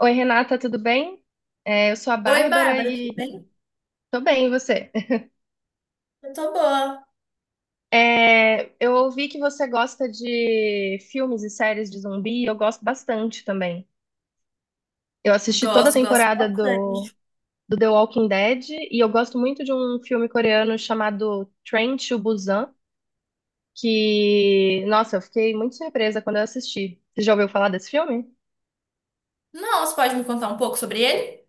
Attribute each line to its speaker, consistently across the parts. Speaker 1: Oi, Renata, tudo bem? Eu sou a
Speaker 2: Oi,
Speaker 1: Bárbara
Speaker 2: Bárbara, tudo
Speaker 1: e
Speaker 2: bem?
Speaker 1: tô bem, e você?
Speaker 2: Eu tô boa.
Speaker 1: Eu ouvi que você gosta de filmes e séries de zumbi, e eu gosto bastante também. Eu assisti toda a
Speaker 2: Gosto, gosto
Speaker 1: temporada
Speaker 2: bastante.
Speaker 1: do The Walking Dead, e eu gosto muito de um filme coreano chamado Train to Busan, que, nossa, eu fiquei muito surpresa quando eu assisti. Você já ouviu falar desse filme?
Speaker 2: Não, você pode me contar um pouco sobre ele?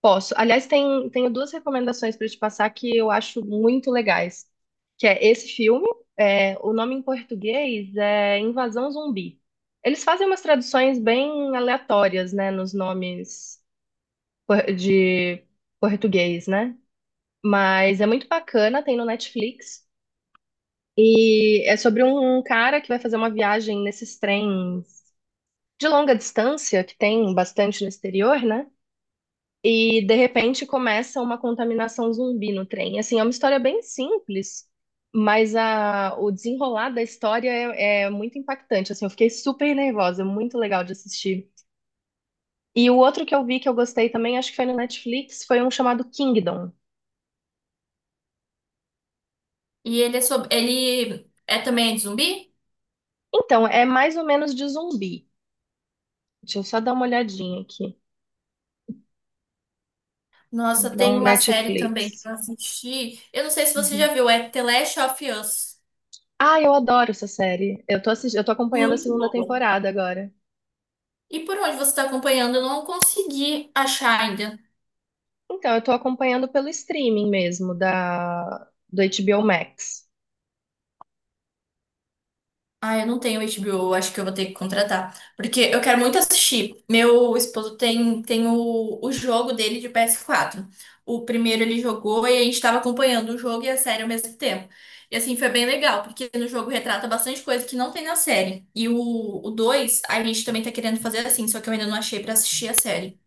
Speaker 1: Posso. Aliás, tenho duas recomendações para te passar que eu acho muito legais, que é esse filme, é, o nome em português é Invasão Zumbi. Eles fazem umas traduções bem aleatórias, né, nos nomes de português, né? Mas é muito bacana, tem no Netflix. E é sobre um cara que vai fazer uma viagem nesses trens de longa distância, que tem bastante no exterior, né? E de repente começa uma contaminação zumbi no trem. Assim, é uma história bem simples, mas o desenrolar da história é muito impactante. Assim, eu fiquei super nervosa, muito legal de assistir. E o outro que eu vi que eu gostei também, acho que foi no Netflix, foi um chamado Kingdom.
Speaker 2: E ele é sobre... ele é também de zumbi?
Speaker 1: Então, é mais ou menos de zumbi. Deixa eu só dar uma olhadinha aqui.
Speaker 2: Nossa, tem
Speaker 1: Então,
Speaker 2: uma série também que
Speaker 1: Netflix.
Speaker 2: eu assisti. Eu não sei se você
Speaker 1: Uhum.
Speaker 2: já viu, é The Last of Us.
Speaker 1: Ah, eu adoro essa série. Eu tô assistindo, eu tô acompanhando a
Speaker 2: Muito
Speaker 1: segunda
Speaker 2: boa.
Speaker 1: temporada agora.
Speaker 2: E por onde você tá acompanhando? Eu não consegui achar ainda.
Speaker 1: Então, eu tô acompanhando pelo streaming mesmo da do HBO Max.
Speaker 2: Ah, eu não tenho HBO, acho que eu vou ter que contratar, porque eu quero muito assistir. Meu esposo tem, tem o jogo dele de ps quatro. O primeiro ele jogou e a gente estava acompanhando o jogo e a série ao mesmo tempo. E assim, foi bem legal, porque no jogo retrata bastante coisa que não tem na série. E o 2 a gente também tá querendo fazer assim, só que eu ainda não achei pra assistir a série.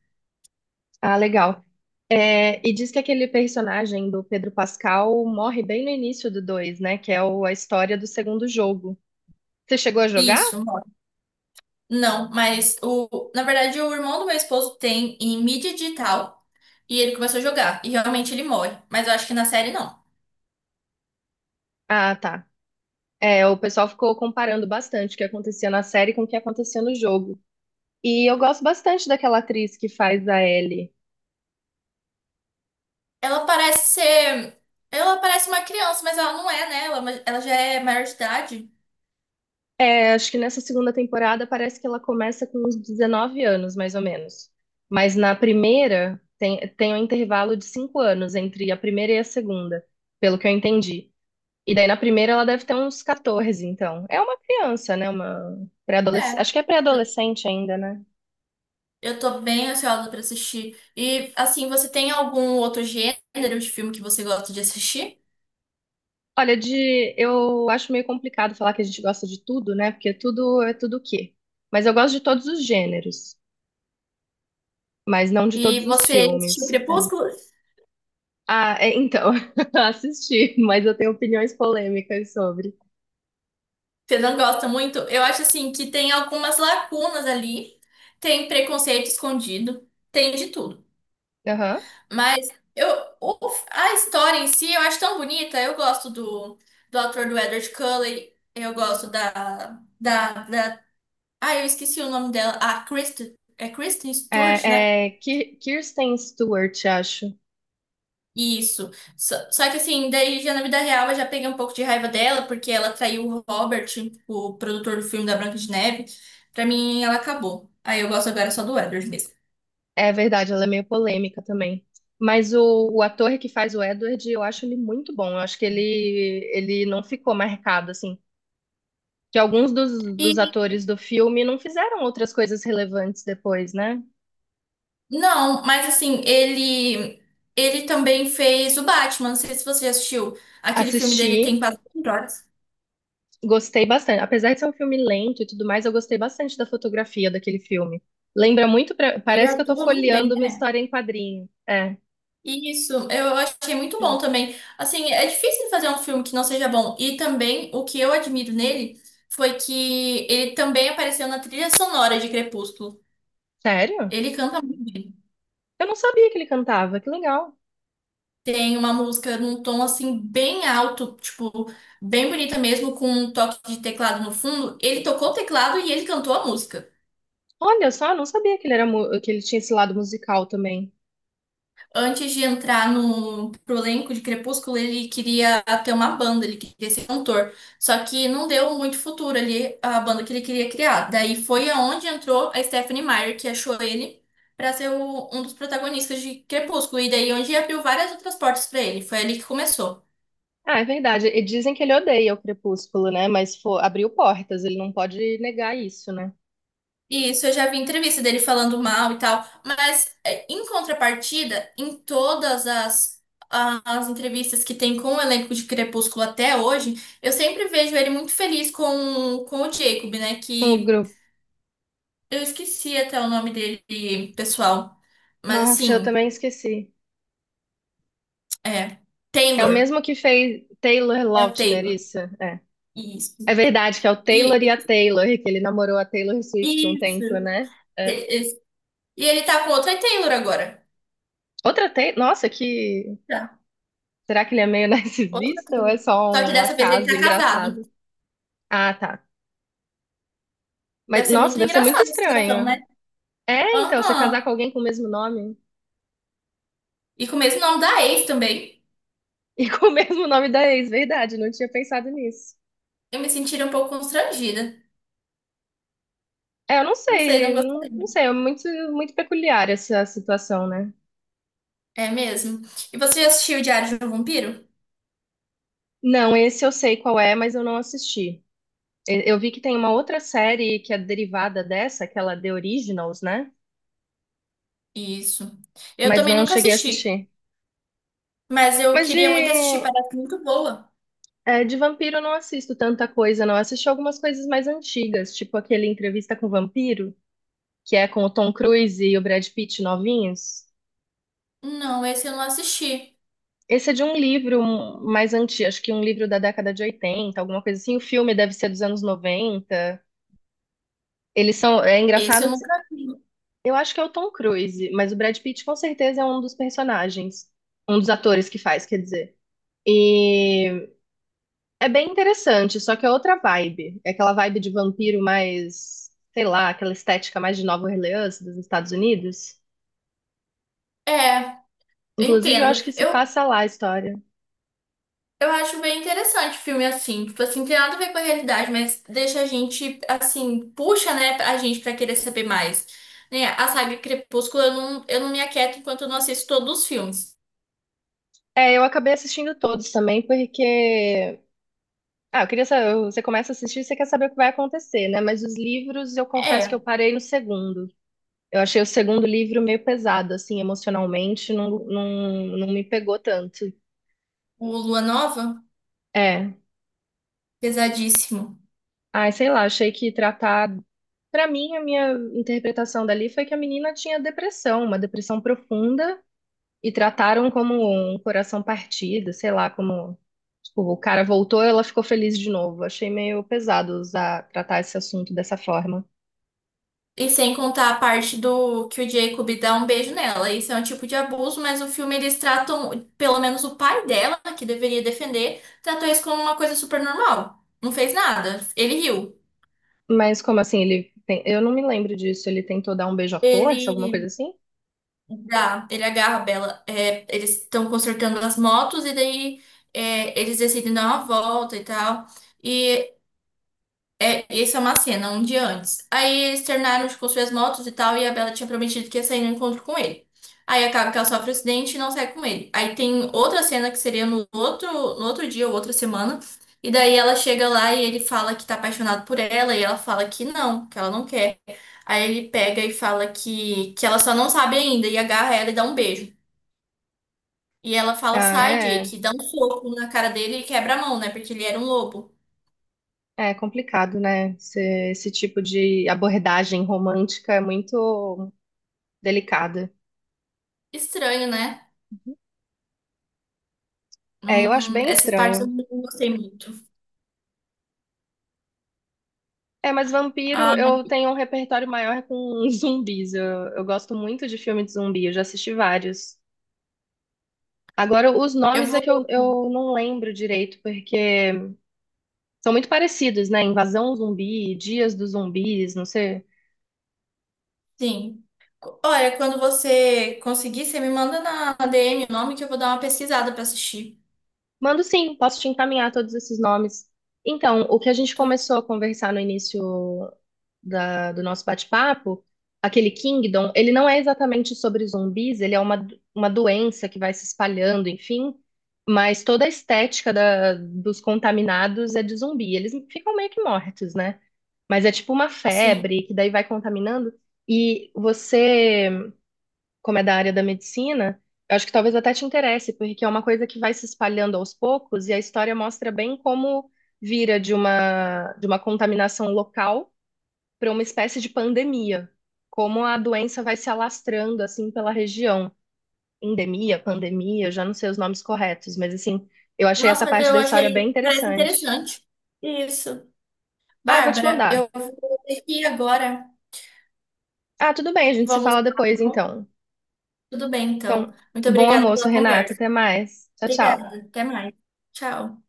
Speaker 1: Ah, legal. É, e diz que aquele personagem do Pedro Pascal morre bem no início do 2, né? Que é a história do segundo jogo. Você chegou a jogar?
Speaker 2: Isso, mano. Não, mas o, na verdade o irmão do meu esposo tem em mídia digital e ele começou a jogar. E realmente ele morre, mas eu acho que na série não.
Speaker 1: Ah, tá. É, o pessoal ficou comparando bastante o que acontecia na série com o que acontecia no jogo. E eu gosto bastante daquela atriz que faz a Ellie.
Speaker 2: Ela parece ser. Ela parece uma criança, mas ela não é, né? Ela já é maior de idade.
Speaker 1: É, acho que nessa segunda temporada parece que ela começa com uns 19 anos, mais ou menos. Mas na primeira tem um intervalo de 5 anos entre a primeira e a segunda, pelo que eu entendi. E daí na primeira ela deve ter uns 14, então. É uma criança, né? Uma pré-adolescente.
Speaker 2: É.
Speaker 1: Acho que é pré-adolescente ainda, né?
Speaker 2: Eu tô bem ansiosa pra assistir. E, assim, você tem algum outro gênero de filme que você gosta de assistir?
Speaker 1: Olha, de eu acho meio complicado falar que a gente gosta de tudo, né? Porque tudo é tudo o quê? Mas eu gosto de todos os gêneros, mas não de todos
Speaker 2: E
Speaker 1: os
Speaker 2: você assistiu
Speaker 1: filmes.
Speaker 2: Crepúsculo?
Speaker 1: Ah, é, então, assisti, mas eu tenho opiniões polêmicas sobre.
Speaker 2: Você não gosta muito? Eu acho, assim, que tem algumas lacunas ali. Tem preconceito escondido. Tem de tudo.
Speaker 1: Aham.
Speaker 2: Mas eu, o- a história em si eu acho tão bonita. Eu gosto do ator do Edward Cullen. Eu gosto da. Ah, eu esqueci o nome dela. A Kristen, é Kristen Stewart, né?
Speaker 1: Kirsten Stewart, acho.
Speaker 2: Isso. Só que assim, daí já na vida real eu já peguei um pouco de raiva dela, porque ela traiu o Robert, o produtor do filme da Branca de Neve. Pra mim, ela acabou. Aí eu gosto agora só do Edward mesmo.
Speaker 1: É verdade, ela é meio polêmica também. Mas o ator que faz o Edward, eu acho ele muito bom. Eu acho que ele não ficou marcado, assim. Que alguns dos atores do filme não fizeram outras coisas relevantes depois, né?
Speaker 2: Não, mas assim, ele também fez o Batman. Não sei se você já assistiu aquele filme dele, tem
Speaker 1: Assisti.
Speaker 2: quase 24 horas.
Speaker 1: Gostei bastante. Apesar de ser um filme lento e tudo mais, eu gostei bastante da fotografia daquele filme. Lembra muito,
Speaker 2: Ele
Speaker 1: parece que eu tô
Speaker 2: atua muito bem,
Speaker 1: folheando uma
Speaker 2: né?
Speaker 1: história em quadrinho. É,
Speaker 2: Isso, eu achei muito bom também. Assim, é difícil fazer um filme que não seja bom. E também o que eu admiro nele foi que ele também apareceu na trilha sonora de Crepúsculo.
Speaker 1: sério?
Speaker 2: Ele canta muito bem.
Speaker 1: Eu não sabia que ele cantava, que legal.
Speaker 2: Tem uma música num tom assim bem alto, tipo, bem bonita mesmo, com um toque de teclado no fundo. Ele tocou o teclado e ele cantou a música.
Speaker 1: Olha só, eu não sabia que ele era que ele tinha esse lado musical também.
Speaker 2: Antes de entrar no pro elenco de Crepúsculo, ele queria ter uma banda, ele queria ser cantor. Só que não deu muito futuro ali a banda que ele queria criar. Daí foi aonde entrou a Stephanie Meyer, que achou ele para ser um dos protagonistas de Crepúsculo. E daí onde abriu várias outras portas para ele. Foi ali que começou.
Speaker 1: Ah, é verdade. E dizem que ele odeia o Crepúsculo, né? Mas abriu portas, ele não pode negar isso, né?
Speaker 2: Isso, eu já vi entrevista dele falando mal e tal, mas é, em contrapartida, em todas as, as entrevistas que tem com o elenco de Crepúsculo até hoje, eu sempre vejo ele muito feliz com o Jacob, né?
Speaker 1: Um
Speaker 2: Que
Speaker 1: grupo.
Speaker 2: eu esqueci até o nome dele pessoal, mas
Speaker 1: Nossa, eu
Speaker 2: assim,
Speaker 1: também esqueci.
Speaker 2: é
Speaker 1: É o
Speaker 2: Taylor,
Speaker 1: mesmo que fez Taylor
Speaker 2: é o
Speaker 1: Lautner,
Speaker 2: Taylor,
Speaker 1: isso? É.
Speaker 2: isso.
Speaker 1: É verdade que é o
Speaker 2: E,
Speaker 1: Taylor e a Taylor, que ele namorou a Taylor Swift um
Speaker 2: isso.
Speaker 1: tempo, né? É.
Speaker 2: E, e ele tá com outra Taylor agora.
Speaker 1: Outra Taylor. Nossa, que.
Speaker 2: Tá,
Speaker 1: Será que ele é meio
Speaker 2: outra
Speaker 1: narcisista ou é
Speaker 2: Taylor.
Speaker 1: só
Speaker 2: Só que
Speaker 1: um
Speaker 2: dessa vez ele
Speaker 1: acaso
Speaker 2: tá casado.
Speaker 1: engraçado? Ah, tá.
Speaker 2: Deve
Speaker 1: Mas,
Speaker 2: ser
Speaker 1: nossa,
Speaker 2: muito
Speaker 1: deve ser muito
Speaker 2: engraçado a situação,
Speaker 1: estranho.
Speaker 2: né?
Speaker 1: É, então, você casar com
Speaker 2: Aham.
Speaker 1: alguém com o mesmo nome
Speaker 2: E com o mesmo nome da ex também.
Speaker 1: e com o mesmo nome da ex, verdade, não tinha pensado nisso.
Speaker 2: Eu me sentiria um pouco constrangida.
Speaker 1: É, eu não
Speaker 2: Não sei, não
Speaker 1: sei, não
Speaker 2: gostaria.
Speaker 1: sei, é muito peculiar essa situação, né?
Speaker 2: É mesmo. E você já assistiu o Diário de um Vampiro?
Speaker 1: Não, esse eu sei qual é, mas eu não assisti. Eu vi que tem uma outra série que é derivada dessa, aquela The Originals, né?
Speaker 2: Isso. Eu
Speaker 1: Mas
Speaker 2: também
Speaker 1: não
Speaker 2: nunca
Speaker 1: cheguei a
Speaker 2: assisti,
Speaker 1: assistir.
Speaker 2: mas eu
Speaker 1: Mas de,
Speaker 2: queria muito assistir, parece muito boa.
Speaker 1: de vampiro eu não assisto tanta coisa, não. Eu assisti algumas coisas mais antigas, tipo aquele Entrevista com o Vampiro, que é com o Tom Cruise e o Brad Pitt novinhos.
Speaker 2: Não, esse eu não assisti.
Speaker 1: Esse é de um livro mais antigo, acho que um livro da década de 80, alguma coisa assim. O filme deve ser dos anos 90. Eles são. É
Speaker 2: Esse eu
Speaker 1: engraçado.
Speaker 2: nunca vi.
Speaker 1: Eu acho que é o Tom Cruise, mas o Brad Pitt com certeza é um dos personagens, um dos atores que faz, quer dizer. E é bem interessante, só que é outra vibe. É aquela vibe de vampiro mais, sei lá, aquela estética mais de Nova Orleans dos Estados Unidos.
Speaker 2: É, eu
Speaker 1: Inclusive, eu
Speaker 2: entendo.
Speaker 1: acho que se passa lá a história.
Speaker 2: Eu acho bem interessante filme assim. Tipo assim, tem nada a ver com a realidade, mas deixa a gente, assim, puxa, né, a gente pra querer saber mais. Né? A saga Crepúsculo, eu não me aquieto enquanto eu não assisto todos os filmes.
Speaker 1: É, eu acabei assistindo todos também, porque. Ah, eu queria saber. Você começa a assistir, você quer saber o que vai acontecer, né? Mas os livros, eu confesso que
Speaker 2: É,
Speaker 1: eu parei no segundo. Eu achei o segundo livro meio pesado, assim, emocionalmente, não me pegou tanto.
Speaker 2: o Lua Nova,
Speaker 1: É.
Speaker 2: pesadíssimo.
Speaker 1: Ai, sei lá, achei que tratar. Pra mim, a minha interpretação dali foi que a menina tinha depressão, uma depressão profunda, e trataram como um coração partido, sei lá, como. Tipo, o cara voltou, ela ficou feliz de novo. Achei meio pesado usar, tratar esse assunto dessa forma.
Speaker 2: E sem contar a parte do que o Jacob dá um beijo nela. Isso é um tipo de abuso, mas o filme eles tratam, pelo menos o pai dela, que deveria defender, tratou isso como uma coisa super normal. Não fez nada. Ele riu.
Speaker 1: Mas como assim, ele tem... Eu não me lembro disso. Ele tentou dar um beijo à força, alguma coisa
Speaker 2: Ele.
Speaker 1: assim?
Speaker 2: Já, ele agarra a Bela. É, eles estão consertando as motos e daí é, eles decidem dar uma volta e tal. E é, isso é uma cena, um dia antes. Aí eles terminaram de construir as motos e tal, e a Bella tinha prometido que ia sair no encontro com ele. Aí acaba que ela sofre um acidente e não sai com ele. Aí tem outra cena que seria no outro, no outro dia ou outra semana. E daí ela chega lá e ele fala que tá apaixonado por ela, e ela fala que não, que ela não quer. Aí ele pega e fala que ela só não sabe ainda, e agarra ela e dá um beijo. E ela fala,
Speaker 1: Ah,
Speaker 2: sai,
Speaker 1: é.
Speaker 2: Jake, e dá um soco na cara dele e quebra a mão, né? Porque ele era um lobo.
Speaker 1: É complicado, né? Esse tipo de abordagem romântica é muito delicada.
Speaker 2: Estranho, né?
Speaker 1: É, eu acho bem
Speaker 2: Essas partes eu
Speaker 1: estranho.
Speaker 2: não gostei muito.
Speaker 1: É, mas vampiro,
Speaker 2: Ah,
Speaker 1: eu tenho um repertório maior com zumbis. Eu gosto muito de filme de zumbi, eu já assisti vários. Agora, os
Speaker 2: eu
Speaker 1: nomes é que
Speaker 2: vou.
Speaker 1: eu não lembro direito, porque são muito parecidos, né? Invasão zumbi, Dias dos Zumbis, não sei.
Speaker 2: Sim. Olha, quando você conseguir, você me manda na DM o nome que eu vou dar uma pesquisada pra assistir.
Speaker 1: Mando sim, posso te encaminhar todos esses nomes. Então, o que a gente
Speaker 2: Tô-
Speaker 1: começou a conversar no início do nosso bate-papo, aquele Kingdom, ele não é exatamente sobre zumbis, ele é uma doença que vai se espalhando, enfim, mas toda a estética dos contaminados é de zumbi. Eles ficam meio que mortos, né? Mas é tipo uma
Speaker 2: Sim.
Speaker 1: febre que daí vai contaminando e você, como é da área da medicina, eu acho que talvez até te interesse, porque é uma coisa que vai se espalhando aos poucos e a história mostra bem como vira de de uma contaminação local para uma espécie de pandemia, como a doença vai se alastrando assim pela região. Endemia, pandemia, eu já não sei os nomes corretos, mas assim, eu achei
Speaker 2: Nossa,
Speaker 1: essa
Speaker 2: mas
Speaker 1: parte
Speaker 2: eu
Speaker 1: da história bem
Speaker 2: achei. Parece
Speaker 1: interessante.
Speaker 2: interessante. Isso.
Speaker 1: Ah, eu vou te
Speaker 2: Bárbara, eu
Speaker 1: mandar.
Speaker 2: vou ter que ir agora.
Speaker 1: Ah, tudo bem, a gente se
Speaker 2: Vamos
Speaker 1: fala
Speaker 2: lá, tá
Speaker 1: depois
Speaker 2: bom?
Speaker 1: então.
Speaker 2: Tudo bem, então.
Speaker 1: Então,
Speaker 2: Muito
Speaker 1: bom
Speaker 2: obrigada
Speaker 1: almoço,
Speaker 2: pela
Speaker 1: Renata,
Speaker 2: conversa.
Speaker 1: até mais. Tchau, tchau.
Speaker 2: Obrigada. Até mais. Tchau.